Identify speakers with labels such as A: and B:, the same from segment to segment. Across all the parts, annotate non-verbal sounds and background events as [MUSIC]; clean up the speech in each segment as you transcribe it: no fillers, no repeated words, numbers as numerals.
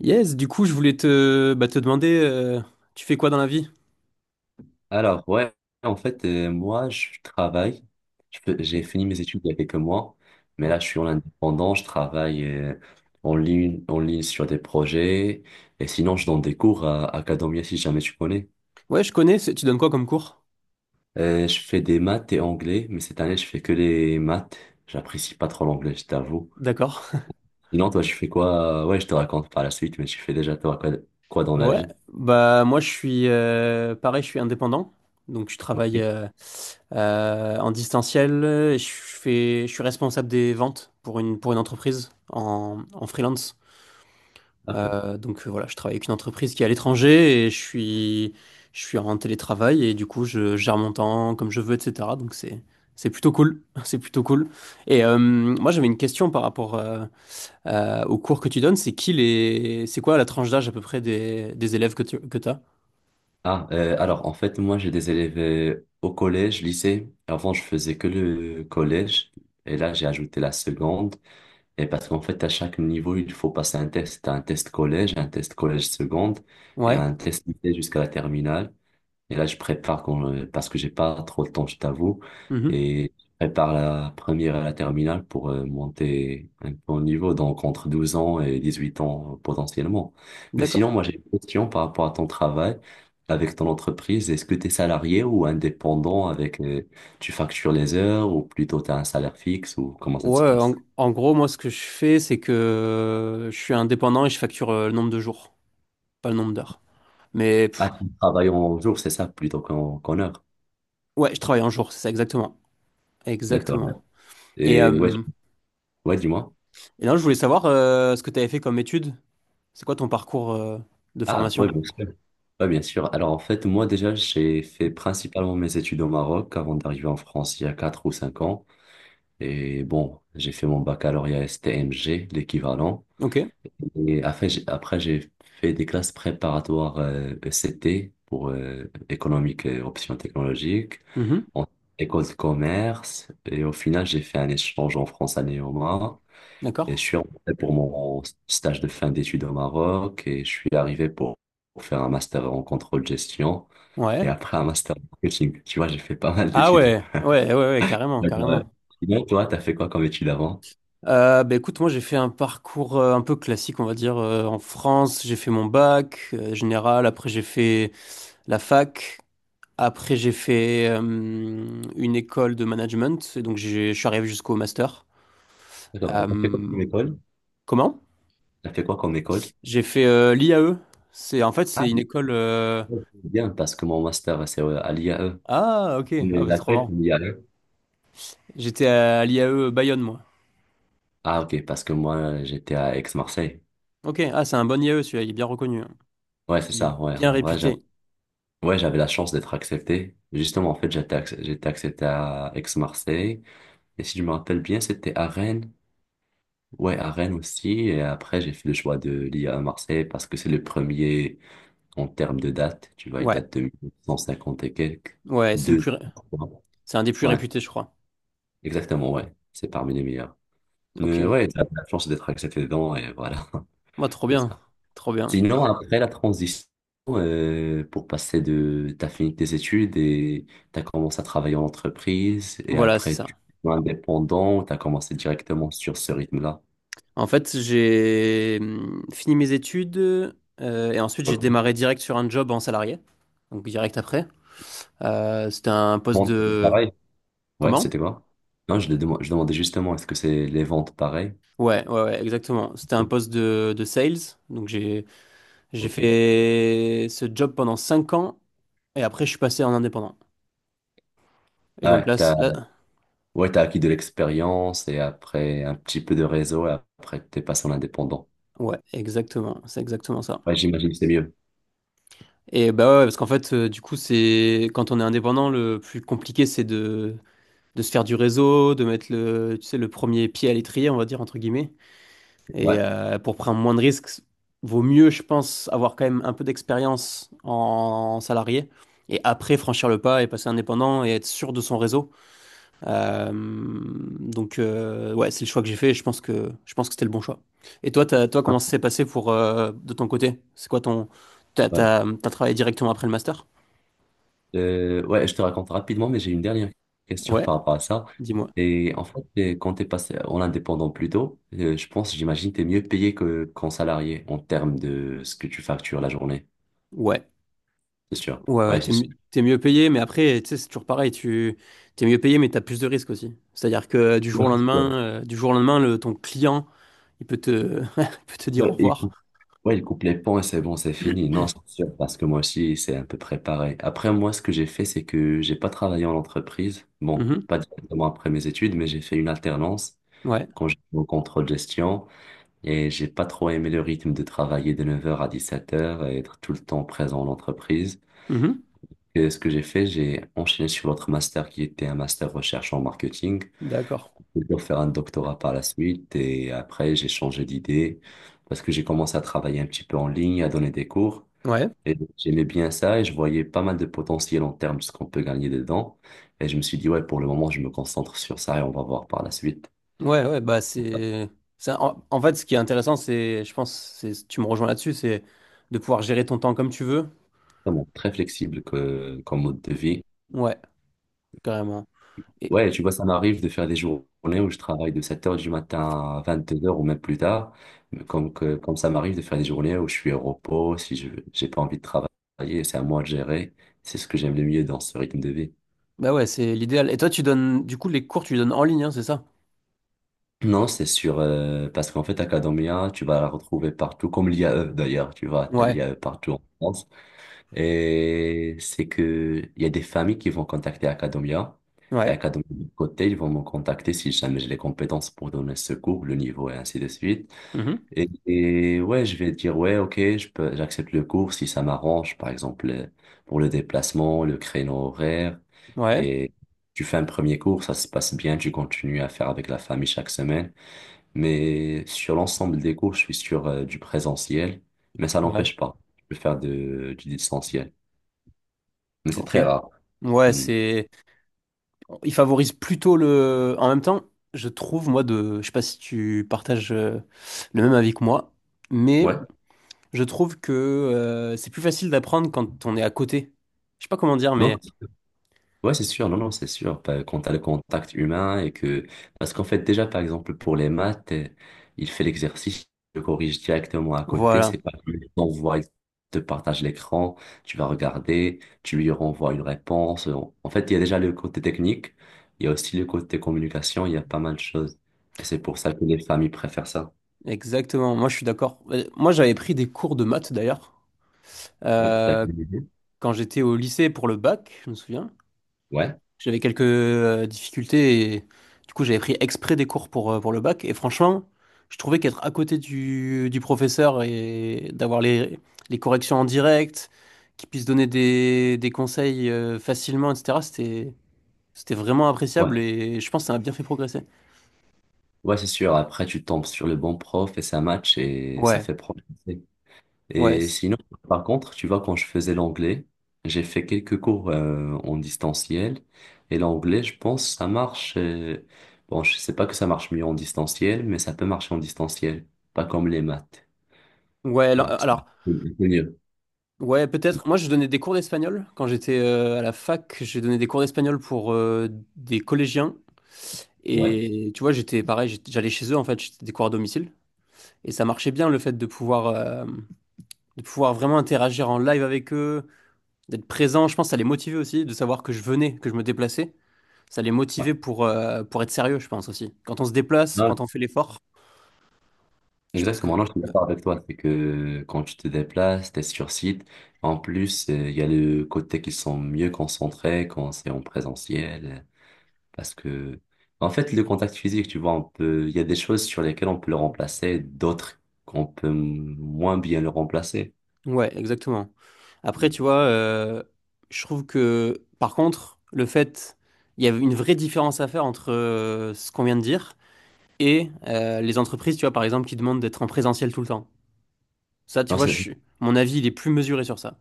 A: Yes, du coup, je voulais te demander, tu fais quoi dans la vie?
B: Alors, ouais, en fait, moi, je travaille.
A: Ok,
B: J'ai fini mes études il y a quelques mois, mais là,
A: ouais.
B: je suis en indépendant. Je travaille en ligne sur des projets. Et sinon, je donne des cours à Academia, si jamais tu connais.
A: Ouais, je connais, tu donnes quoi comme cours?
B: Je fais des maths et anglais, mais cette année, je fais que les maths. J'apprécie pas trop l'anglais, je t'avoue.
A: D'accord.
B: Sinon, toi, tu fais quoi? Ouais, je te raconte par la suite, mais tu fais déjà toi quoi dans la
A: Ouais,
B: vie?
A: bah moi je suis pareil, je suis indépendant. Donc je
B: Ok.
A: travaille en distanciel, je suis responsable des ventes pour une entreprise en freelance.
B: Ok.
A: Donc voilà, je travaille avec une entreprise qui est à l'étranger et je suis en télétravail et du coup je gère mon temps comme je veux, etc. Donc c'est plutôt cool, [LAUGHS] c'est plutôt cool. Et moi j'avais une question par rapport au cours que tu donnes, c'est quoi la tranche d'âge à peu près des élèves que t'as?
B: Ah, alors en fait, moi j'ai des élèves au collège, lycée. Avant, je faisais que le collège et là j'ai ajouté la seconde. Et parce qu'en fait, à chaque niveau, il faut passer un test. T'as un test collège seconde et
A: Ouais.
B: un test lycée jusqu'à la terminale. Et là, je prépare quand, parce que j'ai pas trop le temps, je t'avoue.
A: Mhm.
B: Et je prépare la première et la terminale pour monter un peu au niveau, donc entre 12 ans et 18 ans potentiellement. Mais
A: D'accord.
B: sinon, moi, j'ai une question par rapport à ton travail avec ton entreprise. Est-ce que tu es salarié ou indépendant avec, tu factures les heures ou plutôt tu as un salaire fixe ou comment ça se
A: Ouais,
B: passe?
A: en gros moi ce que je fais c'est que je suis indépendant et je facture le nombre de jours, pas le nombre d'heures. Mais
B: Ah, tu travailles en jour, c'est ça, plutôt qu'en heure.
A: ouais, je travaille en jour, c'est ça exactement,
B: D'accord,
A: exactement. Et,
B: Et ouais,
A: euh,
B: ouais, dis-moi.
A: et là, je voulais savoir ce que tu avais fait comme étude. C'est quoi ton parcours de
B: Ah, ouais,
A: formation?
B: bien sûr. Ouais, bien sûr. Alors, en fait, moi, déjà, j'ai fait principalement mes études au Maroc avant d'arriver en France il y a 4 ou 5 ans. Et bon, j'ai fait mon baccalauréat STMG, l'équivalent.
A: Ok.
B: Et après, j'ai fait des classes préparatoires ECT pour économique et options technologiques,
A: Mhm.
B: en école de commerce. Et au final, j'ai fait un échange en France à Néoma. Et je
A: D'accord.
B: suis rentré pour mon stage de fin d'études au Maroc et je suis arrivé pour faire un master en contrôle gestion et
A: Ouais.
B: après un master en marketing. Tu vois, j'ai fait pas mal
A: Ah
B: d'études.
A: ouais, ouais, ouais, ouais, carrément,
B: D'accord, ouais.
A: carrément.
B: Sinon, toi, t'as fait quoi comme études avant?
A: Bah écoute, moi j'ai fait un parcours un peu classique, on va dire, en France. J'ai fait mon bac général, après j'ai fait la fac, après j'ai fait une école de management, et donc je suis arrivé jusqu'au master.
B: D'accord, t'as fait quoi
A: Euh,
B: comme école?
A: Comment?
B: T'as fait quoi comme école?
A: J'ai fait l'IAE. C'est en fait
B: Ah
A: c'est une
B: oui,
A: école.
B: ok, bien, parce que mon master, c'est à l'IAE.
A: Ah, ok. Ah,
B: Mais
A: bah, trop
B: laquelle?
A: marrant.
B: L'IAE.
A: J'étais à l'IAE Bayonne, moi.
B: Ah ok, parce que moi, j'étais à Aix-Marseille.
A: Ok. Ah, c'est un bon IAE, celui-là. Il est bien reconnu, hein.
B: Ouais, c'est
A: Il est
B: ça, ouais.
A: bien
B: En vrai, j'avais
A: réputé.
B: ouais, j'avais la chance d'être accepté. Justement, en fait, j'étais accepté à Aix-Marseille. Et si je me rappelle bien, c'était à Rennes. Ouais, à Rennes aussi. Et après, j'ai fait le choix de l'IA à Marseille parce que c'est le premier en termes de date. Tu vois, il
A: Ouais.
B: date de 1950 et quelques.
A: Ouais,
B: Deux.
A: c'est un des plus
B: Ouais,
A: réputés, je crois.
B: exactement, ouais. C'est parmi les meilleurs.
A: Ok.
B: Mais ouais, t'as la chance d'être accepté dedans et voilà,
A: Moi, trop
B: [LAUGHS] c'est
A: bien.
B: ça.
A: Trop bien.
B: Sinon, après la transition, T'as fini tes études et t'as commencé à travailler en entreprise et
A: Voilà, c'est
B: après, tu
A: ça.
B: es indépendant, t'as commencé directement sur ce rythme-là.
A: En fait, j'ai fini mes études et ensuite, j'ai démarré direct sur un job en salarié. Donc, direct après. C'était un poste
B: Bon, c'est
A: de...
B: pareil. Ouais,
A: Comment?
B: c'était quoi? Non, je demandais justement, est-ce que c'est les ventes pareilles?
A: Ouais, ouais, ouais, exactement. C'était un
B: Oui.
A: poste de sales. Donc, j'ai
B: Ok.
A: fait ce job pendant 5 ans. Et après, je suis passé en indépendant. Et
B: Ah,
A: donc
B: ouais,
A: là, c-
B: t'as,
A: là,
B: ouais, t'as acquis de l'expérience et après un petit peu de réseau et après t'es passé en indépendant.
A: ouais, exactement, c'est exactement ça.
B: Ouais, j'imagine que c'est mieux.
A: Et bah ouais, ouais, parce qu'en fait, du coup, c'est quand on est indépendant, le plus compliqué, c'est de se faire du réseau, de mettre le, tu sais, le premier pied à l'étrier, on va dire entre guillemets. Et
B: Ouais.
A: pour prendre moins de risques, vaut mieux, je pense, avoir quand même un peu d'expérience en salarié et après franchir le pas et passer indépendant et être sûr de son réseau. Donc, ouais, c'est le choix que j'ai fait et je pense que c'était le bon choix. Et toi, toi,
B: Hein.
A: comment ça s'est passé pour, de ton côté? C'est quoi ton. T'as,
B: Ouais.
A: t'as, t'as travaillé directement après le master?
B: Ouais, je te raconte rapidement, mais j'ai une dernière question [LAUGHS]
A: Ouais,
B: par rapport à ça.
A: dis-moi.
B: Et en fait, quand t'es passé en indépendant plus tôt, je pense, j'imagine, t'es mieux payé que qu'en salarié en termes de ce que tu factures la journée.
A: Ouais,
B: C'est sûr.
A: ouais, ouais,
B: Ouais,
A: t'es,
B: c'est sûr.
A: mi- t'es mieux payé, mais après, tu sais, c'est toujours pareil, t'es mieux payé, mais t'as plus de risques aussi. C'est-à-dire que du jour au
B: [LAUGHS]
A: lendemain,
B: Ouais,
A: du jour au lendemain, ton client, il peut te, [LAUGHS] il peut te
B: Ouais,
A: dire au
B: il
A: revoir.
B: faut. Ouais, il coupe les ponts, c'est bon, c'est fini. Non, c'est sûr, parce que moi aussi, c'est un peu préparé. Après, moi, ce que j'ai fait, c'est que j'ai pas travaillé en entreprise. Bon,
A: Mhm.
B: pas directement après mes études, mais j'ai fait une alternance
A: Ouais.
B: quand j'étais au contrôle gestion et j'ai pas trop aimé le rythme de travailler de 9 heures à 17 heures et être tout le temps présent en entreprise.
A: Mhm.
B: Et ce que j'ai fait, j'ai enchaîné sur l'autre master qui était un master recherche en marketing.
A: D'accord.
B: J'ai dû faire un doctorat par la suite et après, j'ai changé d'idée parce que j'ai commencé à travailler un petit peu en ligne, à donner des cours.
A: Ouais.
B: Et j'aimais bien ça et je voyais pas mal de potentiel en termes de ce qu'on peut gagner dedans. Et je me suis dit, ouais, pour le moment, je me concentre sur ça et on va voir par la suite.
A: Ouais, ouais, bah c'est. En fait, ce qui est intéressant, c'est, je pense, c'est, tu me rejoins là-dessus, c'est de pouvoir gérer ton temps comme tu veux.
B: Vraiment très flexible comme mode de vie.
A: Ouais, carrément. Et
B: Ouais, tu vois, ça m'arrive de faire des journées où je travaille de 7 heures du matin à 22 heures ou même plus tard. Mais comme ça m'arrive de faire des journées où je suis au repos, si je j'ai pas envie de travailler, c'est à moi de gérer. C'est ce que j'aime le mieux dans ce rythme de vie.
A: bah ouais, c'est l'idéal. Et toi, tu donnes, du coup, les cours, tu les donnes en ligne, hein, c'est ça?
B: Non, c'est sûr, parce qu'en fait, Academia, tu vas la retrouver partout, comme l'IAE d'ailleurs, tu vois, t'as
A: Ouais,
B: l'IAE partout en France. Et c'est que il y a des familles qui vont contacter Academia, et
A: ouais.
B: Academia de côté, ils vont me contacter si jamais j'ai les compétences pour donner ce cours, le niveau et ainsi de suite.
A: Mhm.
B: Et ouais, je vais dire, ouais, ok, je peux, j'accepte le cours si ça m'arrange, par exemple, pour le déplacement, le créneau horaire.
A: Ouais,
B: Et tu fais un premier cours, ça se passe bien, tu continues à faire avec la famille chaque semaine. Mais sur l'ensemble des cours, je suis sur du présentiel, mais ça
A: ouais,
B: n'empêche pas. Je peux faire du distanciel. Mais c'est
A: ok.
B: très rare.
A: Ouais,
B: Hmm.
A: c'est. Il favorise plutôt le. En même temps, je trouve, moi, de. Je sais pas si tu partages le même avis que moi, mais
B: Ouais,
A: je trouve que c'est plus facile d'apprendre quand on est à côté. Je sais pas comment dire,
B: non?
A: mais.
B: Ouais, c'est sûr, non, non, c'est sûr. Quand t'as le contact humain et que. Parce qu'en fait, déjà, par exemple, pour les maths, il fait l'exercice, il le corrige directement à côté.
A: Voilà,
B: C'est pas que tu t'envoies, il te partage l'écran, tu vas regarder, tu lui renvoies une réponse. En fait, il y a déjà le côté technique, il y a aussi le côté communication, il y a pas mal de choses. Et c'est pour ça que les familles préfèrent ça.
A: exactement. Moi, je suis d'accord. Moi, j'avais pris des cours de maths d'ailleurs
B: Ouais, t'as
A: euh,
B: une idée.
A: quand j'étais au lycée pour le bac, je me souviens.
B: Ouais,
A: J'avais quelques difficultés et du coup, j'avais pris exprès des cours pour le bac. Et franchement, je trouvais qu'être à côté du professeur et d'avoir les corrections en direct, qu'il puisse donner des conseils facilement, etc., c'était vraiment appréciable
B: ouais.
A: et je pense que ça m'a bien fait progresser.
B: Ouais, c'est sûr. Après, tu tombes sur le bon prof et ça match et ça
A: Ouais,
B: fait progresser.
A: ouais.
B: Et sinon, par contre, tu vois, quand je faisais l'anglais, j'ai fait quelques cours en distanciel. Et l'anglais, je pense, ça marche. Bon, je sais pas que ça marche mieux en distanciel, mais ça peut marcher en distanciel. Pas comme les maths.
A: Ouais,
B: Tu vois, c'est
A: alors.
B: c'est mieux.
A: Ouais, peut-être. Moi, je donnais des cours d'espagnol. Quand j'étais à la fac, j'ai donné des cours d'espagnol pour des collégiens.
B: Ouais,
A: Et tu vois, j'étais pareil, j'allais chez eux, en fait, j'étais des cours à domicile. Et ça marchait bien le fait de pouvoir vraiment interagir en live avec eux, d'être présent. Je pense que ça les motivait aussi, de savoir que je venais, que je me déplaçais. Ça les
B: ouais.
A: motivait pour être sérieux, je pense aussi. Quand on se déplace,
B: Non,
A: quand on fait l'effort, je pense que...
B: exactement. Non, je suis d'accord avec toi. C'est que quand tu te déplaces, t'es sur site. En plus, il y a le côté qu'ils sont mieux concentrés quand c'est en présentiel. Parce que, en fait, le contact physique, tu vois, on peut, il y a des choses sur lesquelles on peut le remplacer, d'autres qu'on peut moins bien le remplacer.
A: Ouais, exactement. Après,
B: Mm.
A: tu vois, je trouve que, par contre, le fait, il y a une vraie différence à faire entre ce qu'on vient de dire et les entreprises, tu vois, par exemple, qui demandent d'être en présentiel tout le temps. Ça, tu
B: Non,
A: vois, mon avis, il est plus mesuré sur ça.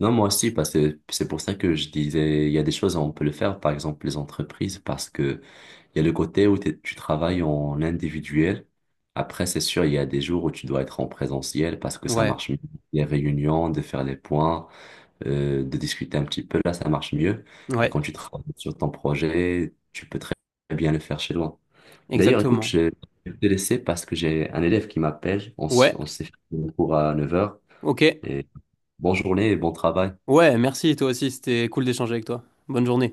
B: non, moi aussi, parce que c'est pour ça que je disais, il y a des choses où on peut le faire, par exemple les entreprises, parce que il y a le côté où tu travailles en individuel. Après, c'est sûr, il y a des jours où tu dois être en présentiel parce que ça
A: Ouais,
B: marche mieux. Les réunions, de faire les points, de discuter un petit peu, là, ça marche mieux. Mais
A: ouais,
B: quand tu travailles sur ton projet, tu peux très bien le faire chez toi. D'ailleurs, écoute,
A: exactement.
B: je vais te laisser parce que j'ai un élève qui m'appelle. On, s-
A: Ouais,
B: on s'est fait un cours à 9 heures.
A: ok.
B: Et bonne journée et bon travail.
A: Ouais, merci, toi aussi, c'était cool d'échanger avec toi. Bonne journée.